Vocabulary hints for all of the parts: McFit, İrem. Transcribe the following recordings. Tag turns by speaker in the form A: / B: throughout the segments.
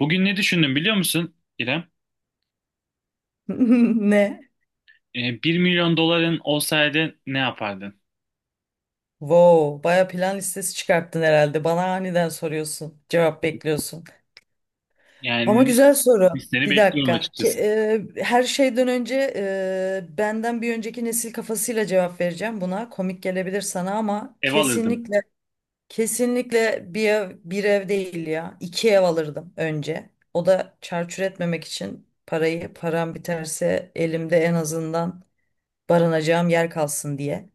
A: Bugün ne düşündüm biliyor musun İrem?
B: Ne?
A: 1 milyon doların olsaydı ne yapardın?
B: Wow, baya plan listesi çıkarttın herhalde. Bana aniden soruyorsun, cevap bekliyorsun.
A: Yani
B: Ama güzel soru.
A: listeni
B: Bir
A: bekliyorum
B: dakika. Ke-
A: açıkçası.
B: e, her şeyden önce benden bir önceki nesil kafasıyla cevap vereceğim buna. Komik gelebilir sana ama
A: Ev alırdım.
B: kesinlikle bir ev, bir ev değil ya. İki ev alırdım önce. O da çarçur etmemek için parayı param biterse elimde en azından barınacağım yer kalsın diye.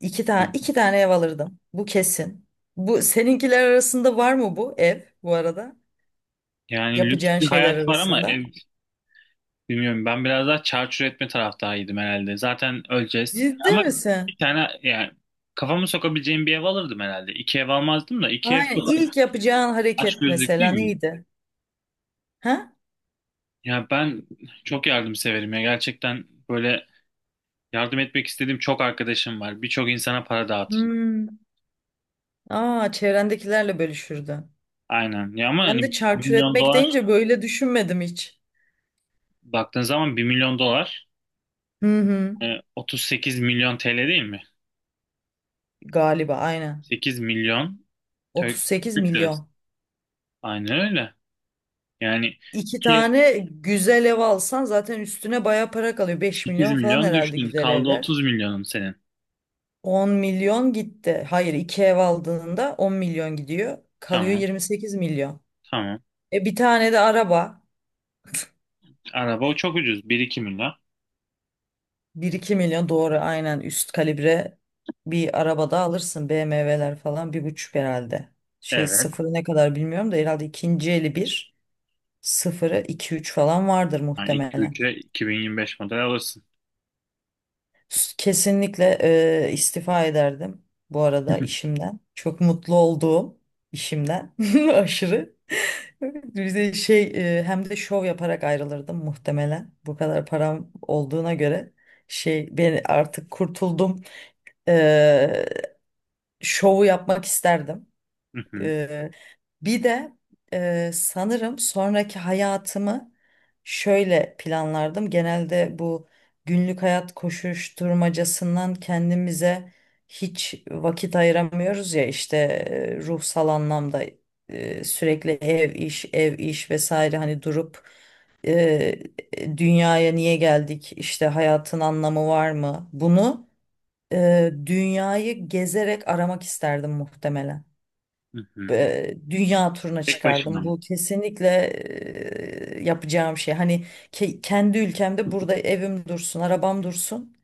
B: İki tane ev alırdım. Bu kesin. Bu seninkiler arasında var mı bu ev bu arada?
A: Yani lüks
B: Yapacağın
A: bir
B: şeyler
A: hayat var ama
B: arasında.
A: ev bilmiyorum. Ben biraz daha çarçur etme taraftarıydım herhalde. Zaten öleceğiz.
B: Ciddi
A: Ama
B: misin?
A: bir tane yani kafamı sokabileceğim bir ev alırdım herhalde. İki ev almazdım da iki ev çok
B: Aynen. İlk yapacağın hareket
A: açgözlülük
B: mesela
A: değil mi?
B: neydi? Ha?
A: Ya ben çok yardım severim ya. Gerçekten böyle yardım etmek istediğim çok arkadaşım var. Birçok insana para dağıtırdım.
B: Hmm. Aa, çevrendekilerle bölüşürdün.
A: Aynen. Ya ama
B: Ben
A: hani
B: de
A: bir
B: çarçur
A: milyon
B: etmek
A: dolar
B: deyince böyle düşünmedim hiç.
A: baktığın zaman bir milyon dolar
B: Hı hı.
A: 38 milyon TL değil mi?
B: Galiba aynen.
A: 8 milyon Türk,
B: 38
A: Türk lirası.
B: milyon.
A: Aynen öyle. Yani
B: İki
A: 2
B: tane güzel ev alsan zaten üstüne baya para kalıyor. 5
A: 8
B: milyon falan
A: milyon
B: herhalde
A: düştün.
B: güzel
A: Kaldı
B: evler.
A: 30 milyonun senin.
B: 10 milyon gitti. Hayır, iki ev aldığında 10 milyon gidiyor. Kalıyor
A: Tamam.
B: 28 milyon.
A: Tamam.
B: E bir tane de araba.
A: Araba o çok ucuz. Bir iki milyon.
B: Bir iki milyon doğru, aynen, üst kalibre bir araba da alırsın. BMW'ler falan bir buçuk herhalde. Şey,
A: Evet.
B: sıfırı ne kadar bilmiyorum da herhalde ikinci eli bir, sıfırı iki üç falan vardır
A: Yani
B: muhtemelen.
A: 2-3'e 2025 model alırsın.
B: Kesinlikle istifa ederdim bu arada işimden. Çok mutlu olduğum işimden aşırı. Bize şey, hem de şov yaparak ayrılırdım muhtemelen. Bu kadar param olduğuna göre şey, ben artık kurtuldum. E, şovu yapmak isterdim.
A: Hı hı,
B: Bir de sanırım sonraki hayatımı şöyle planlardım. Genelde bu günlük hayat koşuşturmacasından kendimize hiç vakit ayıramıyoruz ya işte, ruhsal anlamda, sürekli ev iş ev iş vesaire, hani durup e, dünyaya niye geldik, işte hayatın anlamı var mı, bunu dünyayı gezerek aramak isterdim muhtemelen.
A: hı hı.
B: Dünya turuna
A: Tek başına
B: çıkardım.
A: mı?
B: Bu kesinlikle yapacağım şey. Hani kendi ülkemde burada evim dursun, arabam dursun.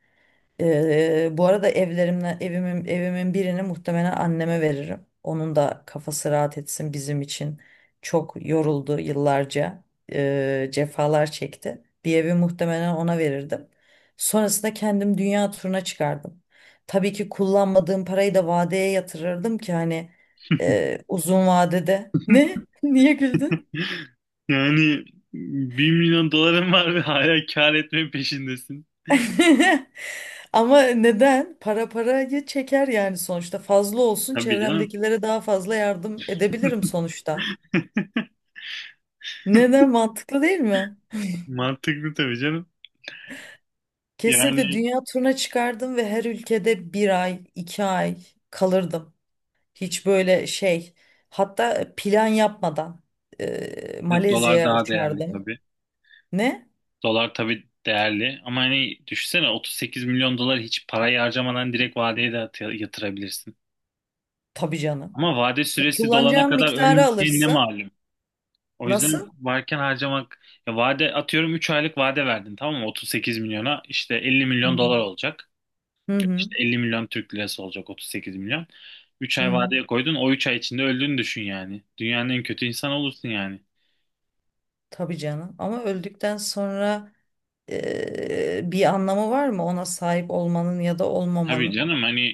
B: Bu arada evlerimle, evimin birini muhtemelen anneme veririm. Onun da kafası rahat etsin bizim için. Çok yoruldu yıllarca. Cefalar çekti. Bir evi muhtemelen ona verirdim. Sonrasında kendim dünya turuna çıkardım. Tabii ki kullanmadığım parayı da vadeye yatırırdım ki hani, uzun vadede. Ne? Niye güldün?
A: Yani bir milyon doların var ve hala kar etme peşindesin.
B: Ama neden? Para parayı çeker yani sonuçta. Fazla olsun,
A: Tabii canım.
B: çevremdekilere daha fazla yardım edebilirim sonuçta. Neden? Mantıklı değil mi?
A: Mantıklı tabii canım. Yani
B: Kesinlikle dünya turuna çıkardım ve her ülkede bir ay, 2 ay kalırdım. Hiç böyle şey. Hatta plan yapmadan
A: bir de dolar
B: Malezya'ya
A: daha değerli
B: uçardım.
A: tabii.
B: Ne?
A: Dolar tabii değerli ama hani düşünsene 38 milyon dolar hiç parayı harcamadan direkt vadeye de yatırabilirsin.
B: Tabii canım.
A: Ama vade
B: E,
A: süresi dolana
B: kullanacağın
A: kadar
B: miktarı
A: ölmeyeceğin ne
B: alırsın.
A: malum. O
B: Nasıl?
A: yüzden varken harcamak ya vade atıyorum 3 aylık vade verdin tamam mı 38 milyona işte 50
B: Hı
A: milyon
B: hı.
A: dolar olacak.
B: Hı hı.
A: İşte 50 milyon Türk lirası olacak 38 milyon. Üç
B: Hı
A: ay
B: hı.
A: vadeye koydun o 3 ay içinde öldüğünü düşün yani. Dünyanın en kötü insanı olursun yani.
B: Tabii canım. Ama öldükten sonra bir anlamı var mı ona sahip olmanın ya da
A: Tabii
B: olmamanın?
A: canım hani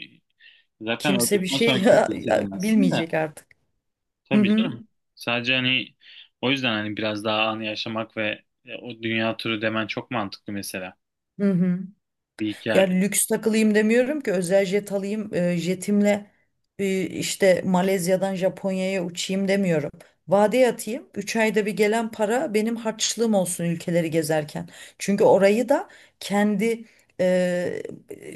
A: zaten
B: Kimse bir
A: öldükten sonra
B: şey
A: kötü hissedemezsin de.
B: bilmeyecek artık. Hı
A: Tabii
B: hı.
A: canım. Sadece hani o yüzden hani biraz daha anı yaşamak ve o dünya turu demen çok mantıklı mesela.
B: Hı hı.
A: Bir
B: Ya,
A: hikaye.
B: lüks takılayım demiyorum ki, özel jet alayım, jetimle işte Malezya'dan Japonya'ya uçayım demiyorum. Vadeye atayım, 3 ayda bir gelen para benim harçlığım olsun ülkeleri gezerken. Çünkü orayı da kendi, e,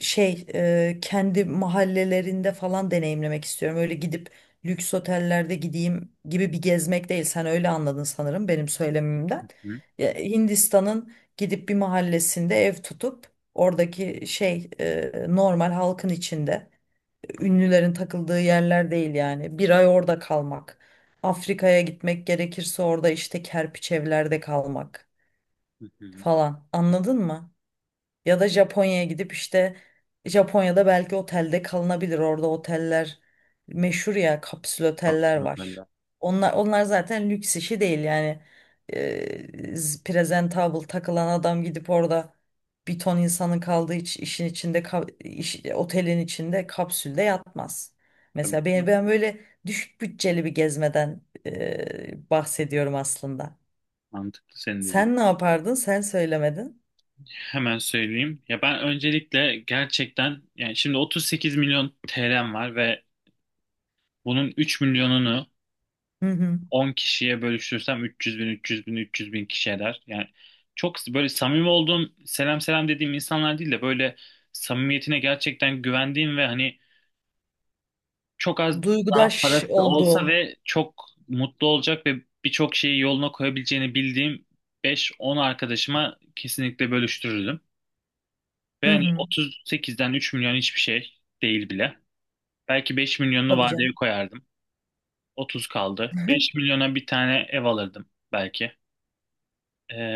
B: şey, kendi mahallelerinde falan deneyimlemek istiyorum. Öyle gidip lüks otellerde gideyim gibi bir gezmek değil. Sen öyle anladın sanırım benim söylemimden.
A: Hı
B: Ya, Hindistan'ın gidip bir mahallesinde ev tutup oradaki şey, normal halkın içinde. Ünlülerin takıldığı yerler değil yani. Bir ay orada kalmak. Afrika'ya gitmek gerekirse orada işte kerpiç evlerde kalmak
A: hı. Hı.
B: falan. Anladın mı? Ya da Japonya'ya gidip işte, Japonya'da belki otelde kalınabilir. Orada oteller meşhur ya, kapsül oteller
A: Absolut.
B: var. Onlar zaten lüks işi değil yani. Ee, presentable takılan adam gidip orada bir ton insanın kaldığı işin içinde, otelin içinde kapsülde yatmaz.
A: Tabii
B: Mesela ben,
A: canım.
B: ben böyle düşük bütçeli bir gezmeden bahsediyorum aslında.
A: Mantıklı senin dediğin.
B: Sen ne yapardın? Sen söylemedin.
A: Hemen söyleyeyim. Ya ben öncelikle gerçekten yani şimdi 38 milyon TL'm var ve bunun 3 milyonunu
B: Hı hı.
A: 10 kişiye bölüştürsem 300 bin, 300 bin, 300 bin kişi eder. Yani çok böyle samimi olduğum, selam selam dediğim insanlar değil de böyle samimiyetine gerçekten güvendiğim ve hani çok az daha
B: Duygudaş
A: parası olsa
B: olduğum.
A: ve çok mutlu olacak ve birçok şeyi yoluna koyabileceğini bildiğim 5-10 arkadaşıma kesinlikle bölüştürürdüm.
B: Hı
A: Ve hani
B: hı.
A: 38'den 3 milyon hiçbir şey değil bile. Belki 5 milyonunu
B: Tabii
A: vadeye
B: canım.
A: koyardım. 30 kaldı. 5 milyona bir tane ev alırdım belki.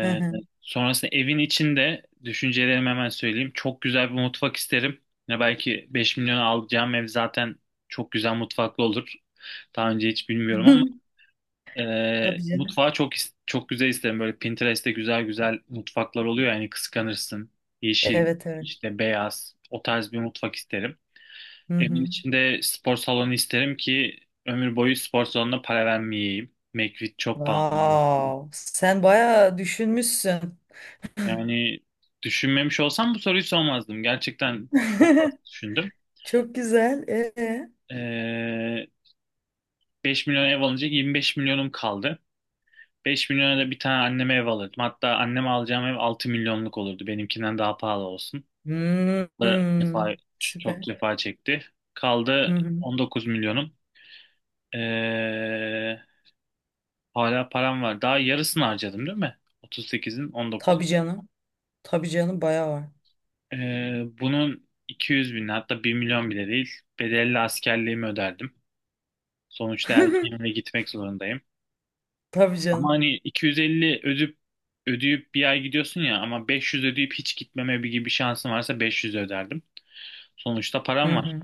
B: Hı hı.
A: sonrasında evin içinde düşüncelerimi hemen söyleyeyim. Çok güzel bir mutfak isterim. Ne belki 5 milyona alacağım ev zaten çok güzel mutfaklı olur. Daha önce hiç bilmiyorum ama
B: Tabii canım.
A: mutfağı çok çok güzel isterim. Böyle Pinterest'te güzel güzel mutfaklar oluyor yani kıskanırsın. Yeşil,
B: Evet, evet.
A: işte beyaz o tarz bir mutfak isterim.
B: Hı
A: Evin
B: hı.
A: içinde spor salonu isterim ki ömür boyu spor salonuna para vermeyeyim. McFit çok pahalı.
B: Wow. Sen bayağı düşünmüşsün.
A: Yani düşünmemiş olsam bu soruyu sormazdım. Gerçekten çok fazla düşündüm.
B: Çok güzel. Ee?
A: Ee, 5 milyon ev alınca 25 milyonum kaldı. 5 milyona da bir tane anneme ev alırdım. Hatta anneme alacağım ev 6 milyonluk olurdu. Benimkinden daha pahalı olsun.
B: Hmm,
A: Da
B: hmm.
A: cefa, çok
B: Süper.
A: cefa çekti.
B: Hı
A: Kaldı
B: hı.
A: 19 milyonum. Ee, hala param var. Daha yarısını harcadım değil mi? 38'in 19.
B: Tabii canım. Tabii canım, bayağı var.
A: Bunun 200 bin hatta bir milyon bile değil. Bedelli askerliğimi öderdim. Sonuçta erkeğimle gitmek zorundayım.
B: Tabii
A: Ama
B: canım.
A: hani 250 ödeyip 1 ay gidiyorsun ya ama 500 ödeyip hiç gitmeme bir gibi bir şansım varsa 500 öderdim. Sonuçta
B: Hı
A: param var.
B: hı.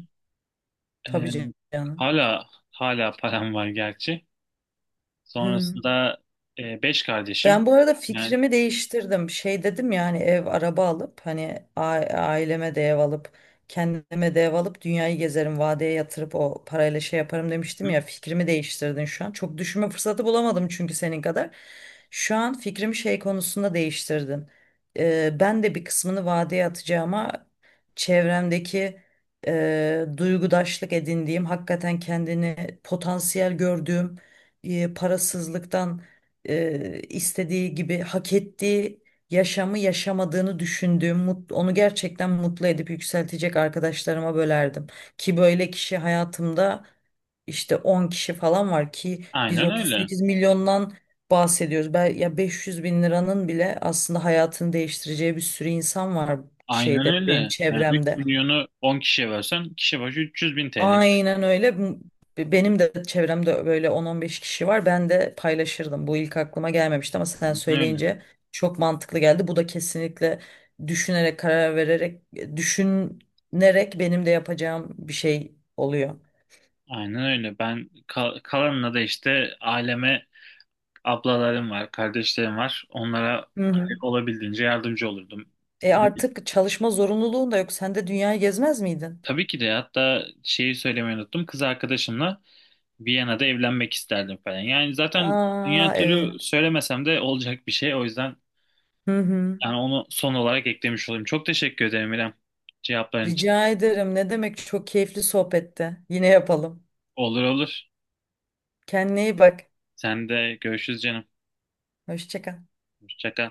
A: Ee,
B: Tabii canım.
A: hala param var gerçi.
B: Hı.
A: Sonrasında 5 kardeşim.
B: Ben bu arada
A: Yani
B: fikrimi değiştirdim. Şey dedim yani, ev araba alıp, hani aileme de ev alıp, kendime de ev alıp, dünyayı gezerim, vadeye yatırıp o parayla şey yaparım demiştim
A: hı,
B: ya, fikrimi değiştirdin şu an. Çok düşünme fırsatı bulamadım çünkü senin kadar. Şu an fikrimi şey konusunda değiştirdin. Ben de bir kısmını vadeye atacağıma, çevremdeki duygudaşlık edindiğim, hakikaten kendini potansiyel gördüğüm, parasızlıktan istediği gibi hak ettiği yaşamı yaşamadığını düşündüğüm, onu gerçekten mutlu edip yükseltecek arkadaşlarıma bölerdim. Ki böyle kişi hayatımda işte 10 kişi falan var, ki biz
A: aynen öyle.
B: 38 milyondan bahsediyoruz. Ben, ya 500 bin liranın bile aslında hayatını değiştireceği bir sürü insan var
A: Aynen
B: şeyde, benim
A: öyle. Yani 3
B: çevremde.
A: milyonu 10 kişiye versen kişi başı 300 bin TL.
B: Aynen öyle. Benim de çevremde böyle 10-15 kişi var. Ben de paylaşırdım. Bu ilk aklıma gelmemişti ama sen
A: Aynen öyle.
B: söyleyince çok mantıklı geldi. Bu da kesinlikle düşünerek, karar vererek, düşünerek benim de yapacağım bir şey oluyor.
A: Aynen öyle. Ben kalanına da işte aileme ablalarım var, kardeşlerim var. Onlara
B: Hı hı.
A: gerek olabildiğince yardımcı olurdum.
B: E
A: Ve
B: artık çalışma zorunluluğun da yok. Sen de dünyayı gezmez miydin?
A: tabii ki de hatta şeyi söylemeyi unuttum. Kız arkadaşımla Viyana'da evlenmek isterdim falan. Yani zaten
B: Aa,
A: dünya turu
B: evet.
A: söylemesem de olacak bir şey. O yüzden
B: Hı hı.
A: yani onu son olarak eklemiş olayım. Çok teşekkür ederim İrem cevapların için.
B: Rica ederim. Ne demek? Çok keyifli sohbette. Yine yapalım.
A: Olur olur.
B: Kendine iyi bak.
A: Sen de görüşürüz canım.
B: Hoşça kal.
A: Hoşça kal.